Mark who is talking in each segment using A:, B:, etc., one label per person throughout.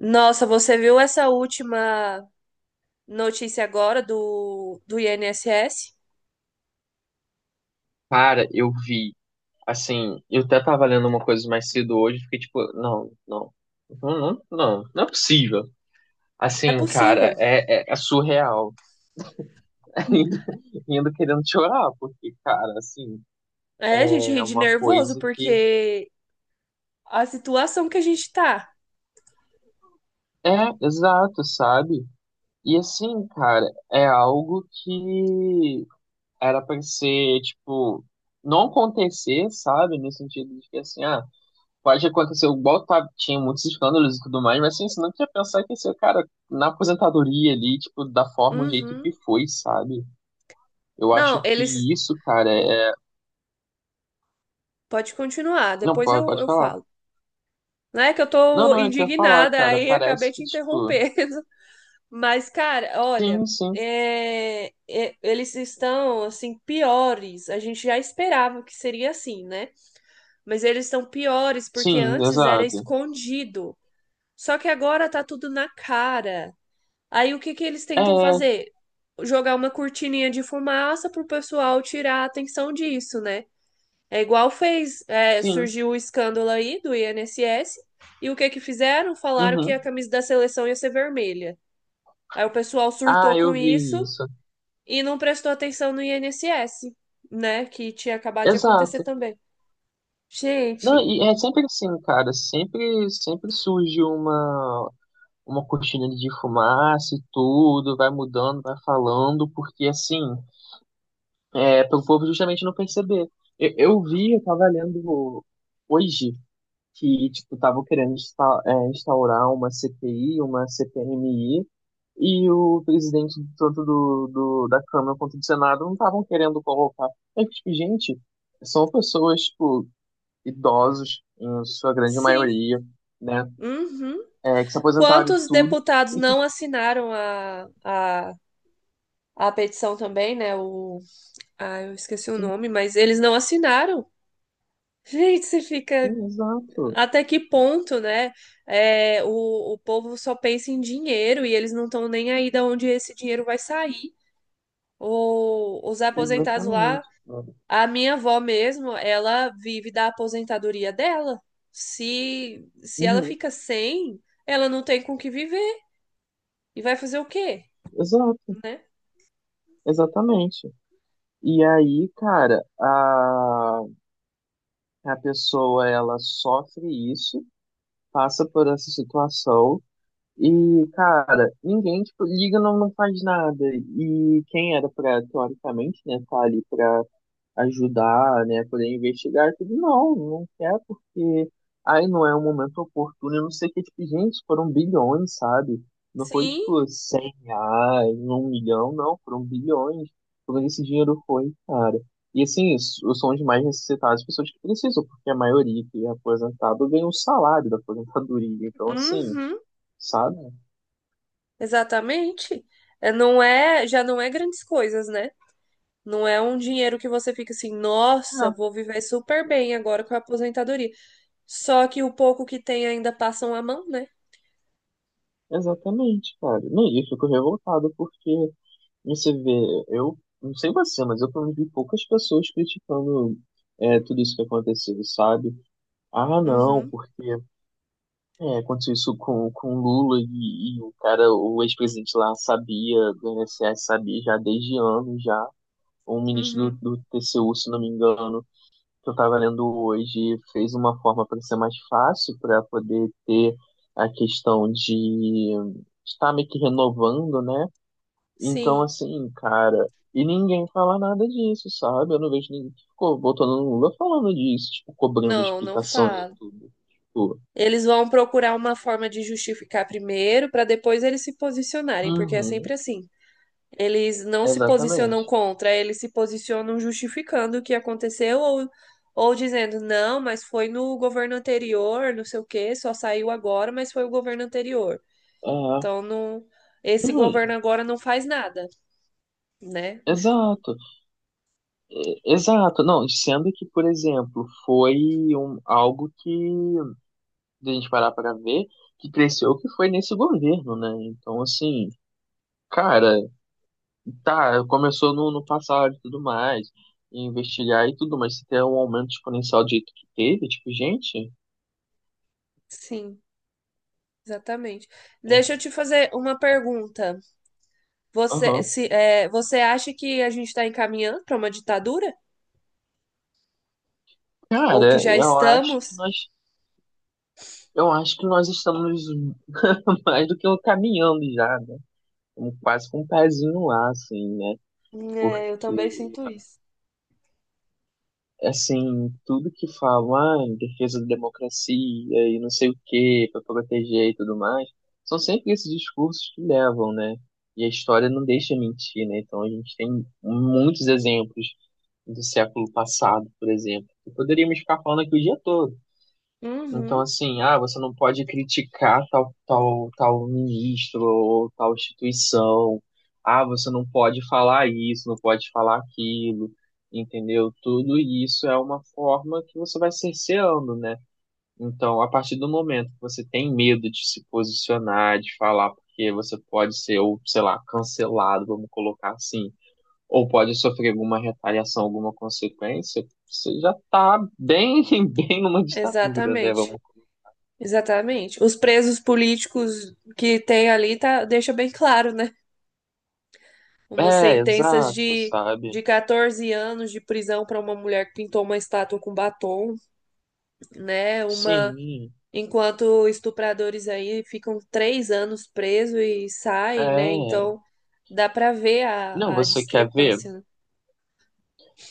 A: Nossa, você viu essa última notícia agora do INSS?
B: Cara, eu vi. Assim, eu até tava lendo uma coisa mais cedo hoje, fiquei tipo, não, não, não, não, não, não é possível.
A: É
B: Assim, cara,
A: possível.
B: é surreal. Ainda, ainda querendo chorar, porque, cara, assim,
A: É, a gente ri
B: é
A: de
B: uma
A: nervoso
B: coisa que.
A: porque a situação que a gente tá.
B: É, exato, sabe? E assim, cara, é algo que era pra ser, tipo, não acontecer, sabe? No sentido de que, assim, pode acontecer, igual tá, tinha muitos escândalos e tudo mais, mas assim, você não tinha pensar que esse cara, na aposentadoria ali, tipo, da forma, o jeito que
A: Uhum.
B: foi, sabe? Eu acho
A: Não, eles.
B: que isso, cara, é.
A: Pode continuar,
B: Não,
A: depois
B: pode,
A: eu,
B: pode
A: eu
B: falar.
A: falo. Não é que eu
B: Não,
A: tô
B: não, eu queria falar,
A: indignada,
B: cara.
A: aí acabei
B: Parece
A: te
B: que, tipo,
A: interrompendo. Mas, cara, olha,
B: sim, sim,
A: eles estão, assim, piores. A gente já esperava que seria assim, né? Mas eles estão piores porque
B: sim,
A: antes era
B: exato.
A: escondido. Só que agora tá tudo na cara. Aí o que que eles tentam
B: É,
A: fazer? Jogar uma cortininha de fumaça pro pessoal tirar a atenção disso, né? É igual fez,
B: sim,
A: surgiu o escândalo aí do INSS, e o que que fizeram? Falaram que a
B: uhum.
A: camisa da seleção ia ser vermelha. Aí o pessoal
B: Ah,
A: surtou
B: eu
A: com
B: vi
A: isso
B: isso.
A: e não prestou atenção no INSS, né? Que tinha acabado de acontecer
B: Exato.
A: também.
B: Não,
A: Gente,
B: e é sempre assim, cara. Sempre, sempre surge uma cortina de fumaça e tudo, vai mudando, vai falando, porque assim, é para o povo justamente não perceber. Eu vi, eu tava lendo hoje que tipo estavam querendo instaurar uma CPI, uma CPMI, e o presidente tanto do da Câmara quanto do Senado não estavam querendo colocar. É que, tipo, gente, são pessoas tipo idosos em sua grande
A: sim.
B: maioria, né,
A: Uhum.
B: que se aposentaram e
A: Quantos
B: tudo
A: deputados
B: e
A: não assinaram a petição também, né? Eu esqueci o
B: que.
A: nome, mas eles não assinaram. Gente, você fica
B: Sim, exato.
A: até que ponto, né? O povo só pensa em dinheiro e eles não estão nem aí de onde esse dinheiro vai sair. Os aposentados lá,
B: Exatamente, cara.
A: a minha avó mesmo, ela vive da aposentadoria dela. Se ela
B: Uhum,
A: fica sem, ela não tem com o que viver. E vai fazer o quê,
B: exato,
A: né?
B: exatamente. E aí, cara, a pessoa, ela sofre isso, passa por essa situação, e, cara, ninguém, tipo, liga, não, não faz nada. E quem era pra, teoricamente, né, tá ali pra ajudar, né, poder investigar e tudo. Não, não quer porque aí não é um momento oportuno, eu não sei o que, tipo, gente, foram bilhões, sabe? Não foi,
A: Sim,
B: tipo, R$ 100, um milhão, não, foram bilhões. Todo esse dinheiro foi, cara. E assim, os são os mais necessitados, as pessoas que precisam, porque a maioria que é aposentado ganha o salário da aposentadoria. Então, assim,
A: uhum,
B: sabe?
A: exatamente. É, não é, já não é grandes coisas, né? Não é um dinheiro que você fica assim, nossa, vou viver super bem agora com a aposentadoria. Só que o pouco que tem ainda passam a mão, né?
B: É, exatamente, cara. Não, e eu fico revoltado porque você vê, eu não sei você, mas eu convivi poucas pessoas criticando tudo isso que aconteceu, sabe? Ah, não,
A: Uhum,
B: porque aconteceu isso com o Lula e o cara, o ex-presidente lá sabia, do INSS sabia já desde anos já. Um ministro
A: uhum.
B: do TCU, se não me engano, que eu estava lendo hoje, fez uma forma para ser mais fácil, para poder ter a questão de estar meio que renovando, né? Então,
A: Sim.
B: assim, cara, e ninguém fala nada disso, sabe? Eu não vejo ninguém que ficou botando no Lula falando disso, tipo, cobrando
A: Não, não
B: explicações e
A: falo.
B: tudo. Tipo,
A: Eles vão procurar uma forma de justificar primeiro, para depois eles se posicionarem, porque é
B: uhum,
A: sempre assim. Eles não se posicionam
B: exatamente.
A: contra, eles se posicionam justificando o que aconteceu ou dizendo, não, mas foi no governo anterior, não sei o quê, só saiu agora, mas foi o governo anterior.
B: É,
A: Então, não, esse governo
B: uhum,
A: agora não faz nada, né?
B: exato, é, exato. Não, sendo que, por exemplo, foi algo que, de a gente parar pra ver, que cresceu, que foi nesse governo, né? Então, assim, cara. Tá, começou no passado e tudo mais, e investigar e tudo, mas se tem um aumento exponencial do jeito que teve, tipo, gente,
A: Sim, exatamente. Deixa eu te fazer uma pergunta. Você,
B: aham.
A: se, é, você acha que a gente está encaminhando para uma ditadura? Ou que
B: Cara,
A: já
B: eu acho que
A: estamos?
B: nós, eu acho que nós estamos mais do que caminhando já, né? Estamos quase com um pezinho lá, assim, né?
A: É, eu também
B: Porque
A: sinto isso.
B: assim, tudo que falam, em defesa da democracia e não sei o quê, para proteger e tudo mais, são sempre esses discursos que levam, né? E a história não deixa mentir, né? Então a gente tem muitos exemplos do século passado, por exemplo, que poderíamos ficar falando aqui o dia todo. Então,
A: Uhum,
B: assim, você não pode criticar tal, tal, tal ministro ou tal instituição. Ah, você não pode falar isso, não pode falar aquilo, entendeu? Tudo isso é uma forma que você vai cerceando, né? Então, a partir do momento que você tem medo de se posicionar, de falar, porque você pode ser, ou sei lá, cancelado, vamos colocar assim, ou pode sofrer alguma retaliação, alguma consequência, você já tá bem, bem numa ditadura, né?
A: exatamente.
B: Vamos.
A: Exatamente. Os presos políticos que tem ali tá, deixa bem claro, né? Umas
B: É,
A: sentenças
B: exato,
A: de,
B: sabe?
A: de 14 anos de prisão para uma mulher que pintou uma estátua com batom, né? Uma
B: Sim,
A: Enquanto estupradores aí ficam três anos presos e saem, né?
B: é.
A: Então dá pra ver
B: Não,
A: a
B: você quer ver?
A: discrepância, né?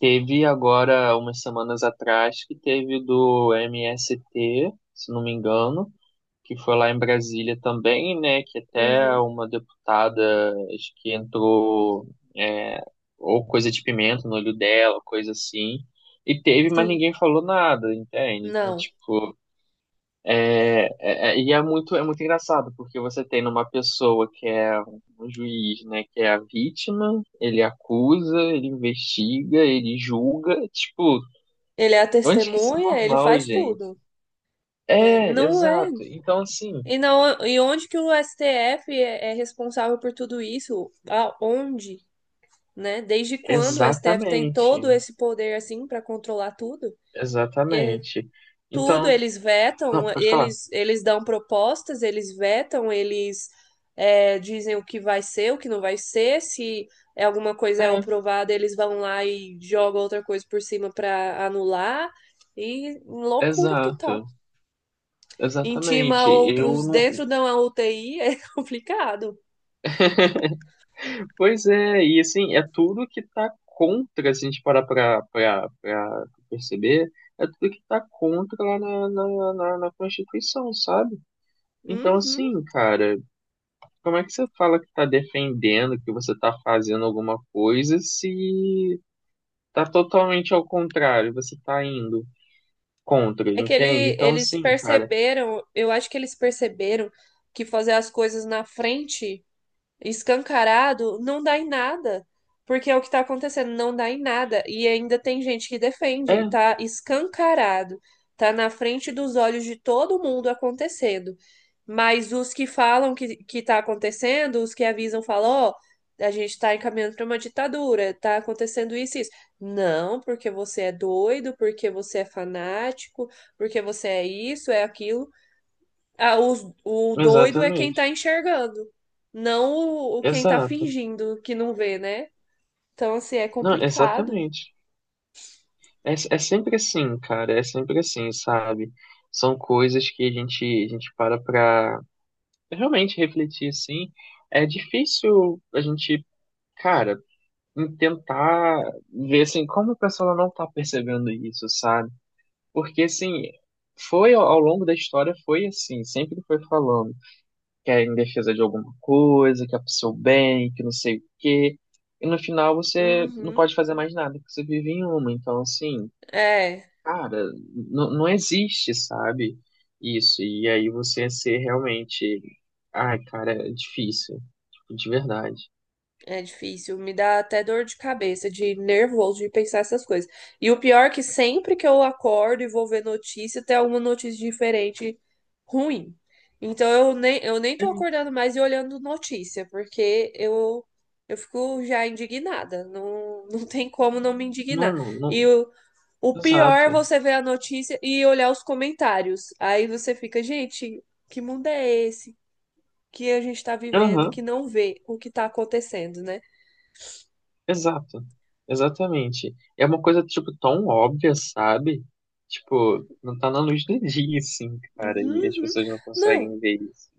B: Teve agora, umas semanas atrás, que teve do MST, se não me engano, que foi lá em Brasília também, né? Que até
A: Uhum,
B: uma deputada, acho que entrou, é, ou coisa de pimenta no olho dela, coisa assim. E teve, mas
A: sim.
B: ninguém falou nada, entende? Então,
A: Não.
B: tipo. É, e é muito engraçado, porque você tem numa pessoa que é um juiz, né, que é a vítima, ele acusa, ele investiga, ele julga, tipo,
A: Ele é a
B: onde que isso é
A: testemunha, ele
B: normal,
A: faz
B: gente?
A: tudo, né?
B: É,
A: Não é.
B: exato. Então, assim,
A: E, não, e onde que o STF é responsável por tudo isso? Aonde, né? Desde quando o STF tem
B: exatamente,
A: todo esse poder assim pra controlar tudo?
B: exatamente.
A: Tudo,
B: Então,
A: eles
B: não,
A: vetam,
B: pode falar.
A: eles dão propostas, eles vetam, eles dizem o que vai ser, o que não vai ser, se é alguma coisa é
B: É,
A: aprovada, eles vão lá e jogam outra coisa por cima para anular. E loucura total.
B: exato,
A: Intima
B: exatamente. Eu
A: outros
B: não,
A: dentro da UTI é complicado.
B: pois é, e assim, é tudo que tá contra, se a gente parar pra perceber, é tudo que tá contra lá na Constituição, sabe? Então,
A: Uhum.
B: assim, cara, como é que você fala que tá defendendo, que você tá fazendo alguma coisa, se tá totalmente ao contrário, você tá indo contra,
A: É que
B: entende?
A: ele,
B: Então,
A: eles
B: assim, cara,
A: perceberam, eu acho que eles perceberam que fazer as coisas na frente escancarado, não dá em nada. Porque é o que está acontecendo, não dá em nada. E ainda tem gente que
B: é,
A: defende, tá escancarado, tá na frente dos olhos de todo mundo acontecendo. Mas os que falam que tá acontecendo, os que avisam, falam, ó, a gente está encaminhando para uma ditadura, tá acontecendo isso e isso. Não, porque você é doido, porque você é fanático, porque você é isso, é aquilo. Ah, o doido é quem tá
B: exatamente,
A: enxergando, não o quem tá
B: exato,
A: fingindo que não vê, né? Então, assim, é
B: não,
A: complicado.
B: exatamente. É sempre assim, cara, é sempre assim, sabe? São coisas que a gente para pra realmente refletir, assim. É difícil a gente, cara, tentar ver, assim, como a pessoa não tá percebendo isso, sabe? Porque, assim, foi ao longo da história, foi assim, sempre foi falando que é em defesa de alguma coisa, que é pro seu bem, que não sei o quê. E no final você não
A: Uhum.
B: pode fazer mais nada, porque você vive em uma. Então, assim,
A: É.
B: cara, não, não existe, sabe? Isso. E aí você ser realmente. Ai, cara, é difícil. Tipo, de verdade.
A: É difícil, me dá até dor de cabeça, de nervoso de pensar essas coisas. E o pior é que sempre que eu acordo e vou ver notícia, tem alguma notícia diferente ruim. Então eu nem tô
B: É,
A: acordando mais e olhando notícia, porque eu fico já indignada. Não, não tem como não me
B: não,
A: indignar.
B: não,
A: E
B: não.
A: o pior é
B: Exato.
A: você ver a notícia e olhar os comentários. Aí você fica, gente, que mundo é esse que a gente tá vivendo, que
B: Aham,
A: não vê o que tá acontecendo, né?
B: exato. Exatamente. É uma coisa, tipo, tão óbvia, sabe? Tipo, não tá na luz do dia, assim, cara. E as
A: Uhum.
B: pessoas não
A: Não,
B: conseguem ver isso.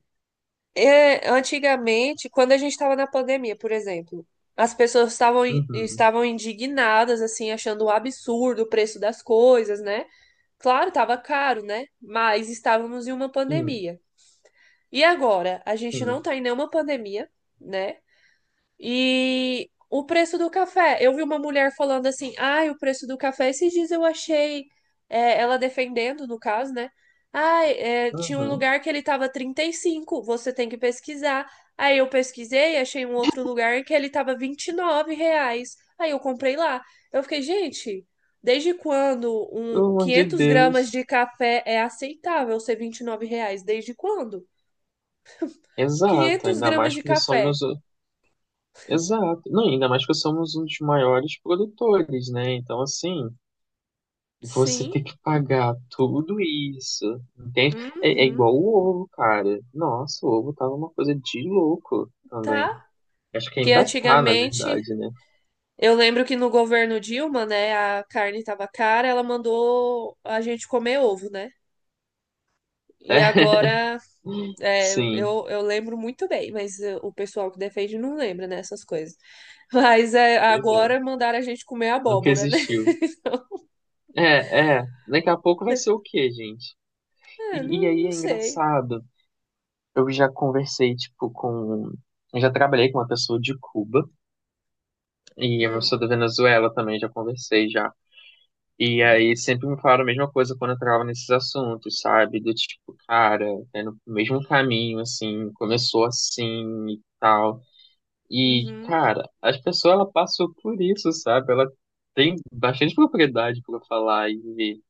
A: antigamente, quando a gente estava na pandemia, por exemplo, as pessoas estavam, in-
B: Uhum.
A: estavam indignadas, assim, achando um absurdo o preço das coisas, né? Claro, estava caro, né? Mas estávamos em uma
B: Sim,
A: pandemia. E agora? A gente não
B: sim.
A: está em nenhuma pandemia, né? E o preço do café. Eu vi uma mulher falando assim: ai, o preço do café. Esses dias eu achei ela defendendo, no caso, né? Ai, tinha um
B: Uhum.
A: lugar que ele tava 35, você tem que pesquisar. Aí eu pesquisei, achei um outro lugar que ele tava R$ 29. Aí eu comprei lá. Eu fiquei, gente, desde quando
B: Pelo
A: um
B: amor de
A: 500 gramas
B: Deus.
A: de café é aceitável ser R$ 29? Desde quando?
B: Exato.
A: quinhentos
B: Ainda
A: gramas
B: mais
A: de
B: porque somos.
A: café.
B: Exato. Não, ainda mais que somos um dos maiores produtores, né? Então, assim, você
A: Sim.
B: tem que pagar tudo isso, entende? É,
A: Uhum.
B: igual o ovo, cara. Nossa, o ovo tava uma coisa de louco
A: Tá.
B: também. Acho que
A: Que
B: ainda tá, na
A: antigamente,
B: verdade, né?
A: eu lembro que no governo Dilma, né, a carne tava cara, ela mandou a gente comer ovo, né? E
B: É,
A: agora,
B: sim,
A: eu lembro muito bem, mas o pessoal que defende não lembra, né, essas coisas. Mas
B: pois é.
A: agora mandaram a gente comer
B: Nunca
A: abóbora, né?
B: existiu. É, é. Daqui a pouco vai ser o quê, gente?
A: É,
B: E
A: não,
B: aí
A: não
B: é
A: sei.
B: engraçado. Eu já conversei, tipo, com. Eu já trabalhei com uma pessoa de Cuba. E eu
A: Hum,
B: sou da Venezuela também, já conversei já. E aí sempre me falaram a mesma coisa quando eu entrava nesses assuntos, sabe? Do tipo, cara, é no mesmo caminho, assim, começou assim e tal. E,
A: uhum.
B: cara, as pessoas, ela passou por isso, sabe? Ela tem bastante propriedade para falar e ver.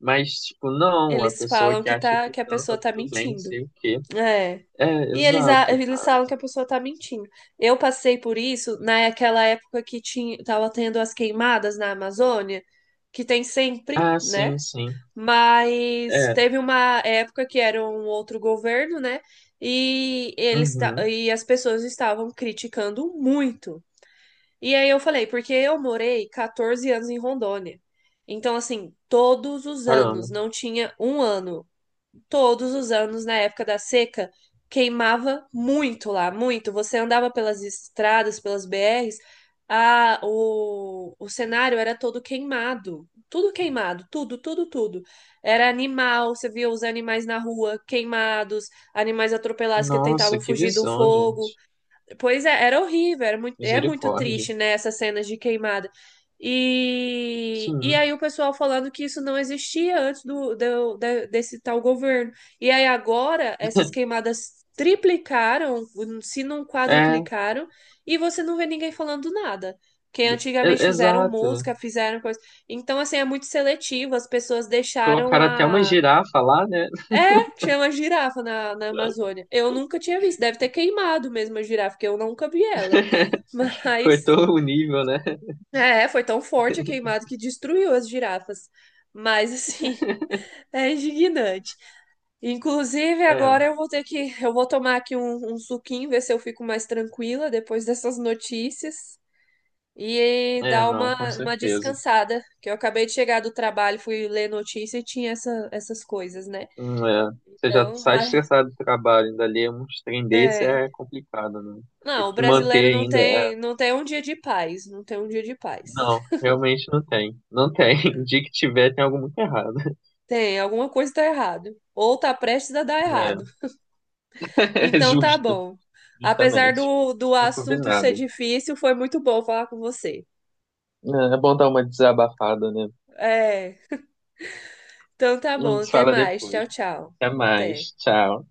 B: Mas, tipo, não, a
A: Eles
B: pessoa
A: falam
B: que
A: que,
B: acha
A: tá,
B: que
A: que a
B: não, tá
A: pessoa tá
B: tudo bem, não
A: mentindo.
B: sei o quê.
A: É.
B: É,
A: E eles, a-
B: exato.
A: eles falam que a pessoa tá mentindo. Eu passei por isso naquela época que tava tendo as queimadas na Amazônia, que tem sempre,
B: Ah,
A: né?
B: sim, sim.
A: Mas
B: É,
A: teve uma época que era um outro governo, né? E
B: uhum,
A: as pessoas estavam criticando muito. E aí eu falei, porque eu morei 14 anos em Rondônia. Então, assim, todos os
B: caramba.
A: anos, não tinha um ano todos os anos, na época da seca, queimava muito lá, muito. Você andava pelas estradas, pelas BRs, o cenário era todo queimado. Tudo queimado, tudo, tudo, tudo. Era animal, você via os animais na rua queimados, animais atropelados que
B: Nossa,
A: tentavam
B: que
A: fugir do
B: visão,
A: fogo.
B: gente.
A: Pois é, era horrível, é muito
B: Misericórdia.
A: triste, né, essas cenas de queimada. E
B: Sim.
A: aí o pessoal falando que isso não existia antes desse tal governo. E aí agora essas queimadas triplicaram, se não
B: É,
A: quadriplicaram, e você não vê ninguém falando nada. Que antigamente fizeram
B: exato.
A: música, fizeram coisa. Então, assim, é muito seletivo. As pessoas deixaram
B: Colocaram até uma
A: a.
B: girafa lá, né?
A: Tinha uma girafa na Amazônia. Eu nunca tinha visto. Deve ter queimado mesmo a girafa, porque eu nunca vi ela.
B: Foi
A: Mas,
B: todo o nível, né?
A: foi tão forte a queimada que destruiu as girafas. Mas, assim, é indignante. Inclusive, agora
B: É,
A: eu vou tomar aqui um suquinho, ver se eu fico mais tranquila depois dessas notícias. E
B: é,
A: dar
B: não, com
A: uma
B: certeza.
A: descansada, que eu acabei de chegar do trabalho, fui ler notícia e tinha essas coisas, né?
B: É. Você já
A: Então,
B: sai
A: ai,
B: estressado do trabalho, ainda ali uns trem desse
A: é.
B: é complicado, né? Tem
A: Não, o
B: que manter
A: brasileiro não
B: ainda. É.
A: tem, não tem um dia de paz, não tem um dia de paz.
B: Não, realmente não tem. Não tem. O dia que tiver, tem algo muito errado.
A: Tem, alguma coisa tá errado. Ou tá prestes a dar
B: É,
A: errado.
B: é
A: Então tá
B: justo,
A: bom. Apesar
B: justamente.
A: do
B: Não,
A: assunto ser
B: combinado.
A: difícil, foi muito bom falar com você.
B: É é bom dar uma desabafada, né?
A: É, então tá
B: A
A: bom,
B: gente
A: até
B: fala
A: mais.
B: depois.
A: Tchau, tchau.
B: Até
A: Até.
B: mais. Tchau.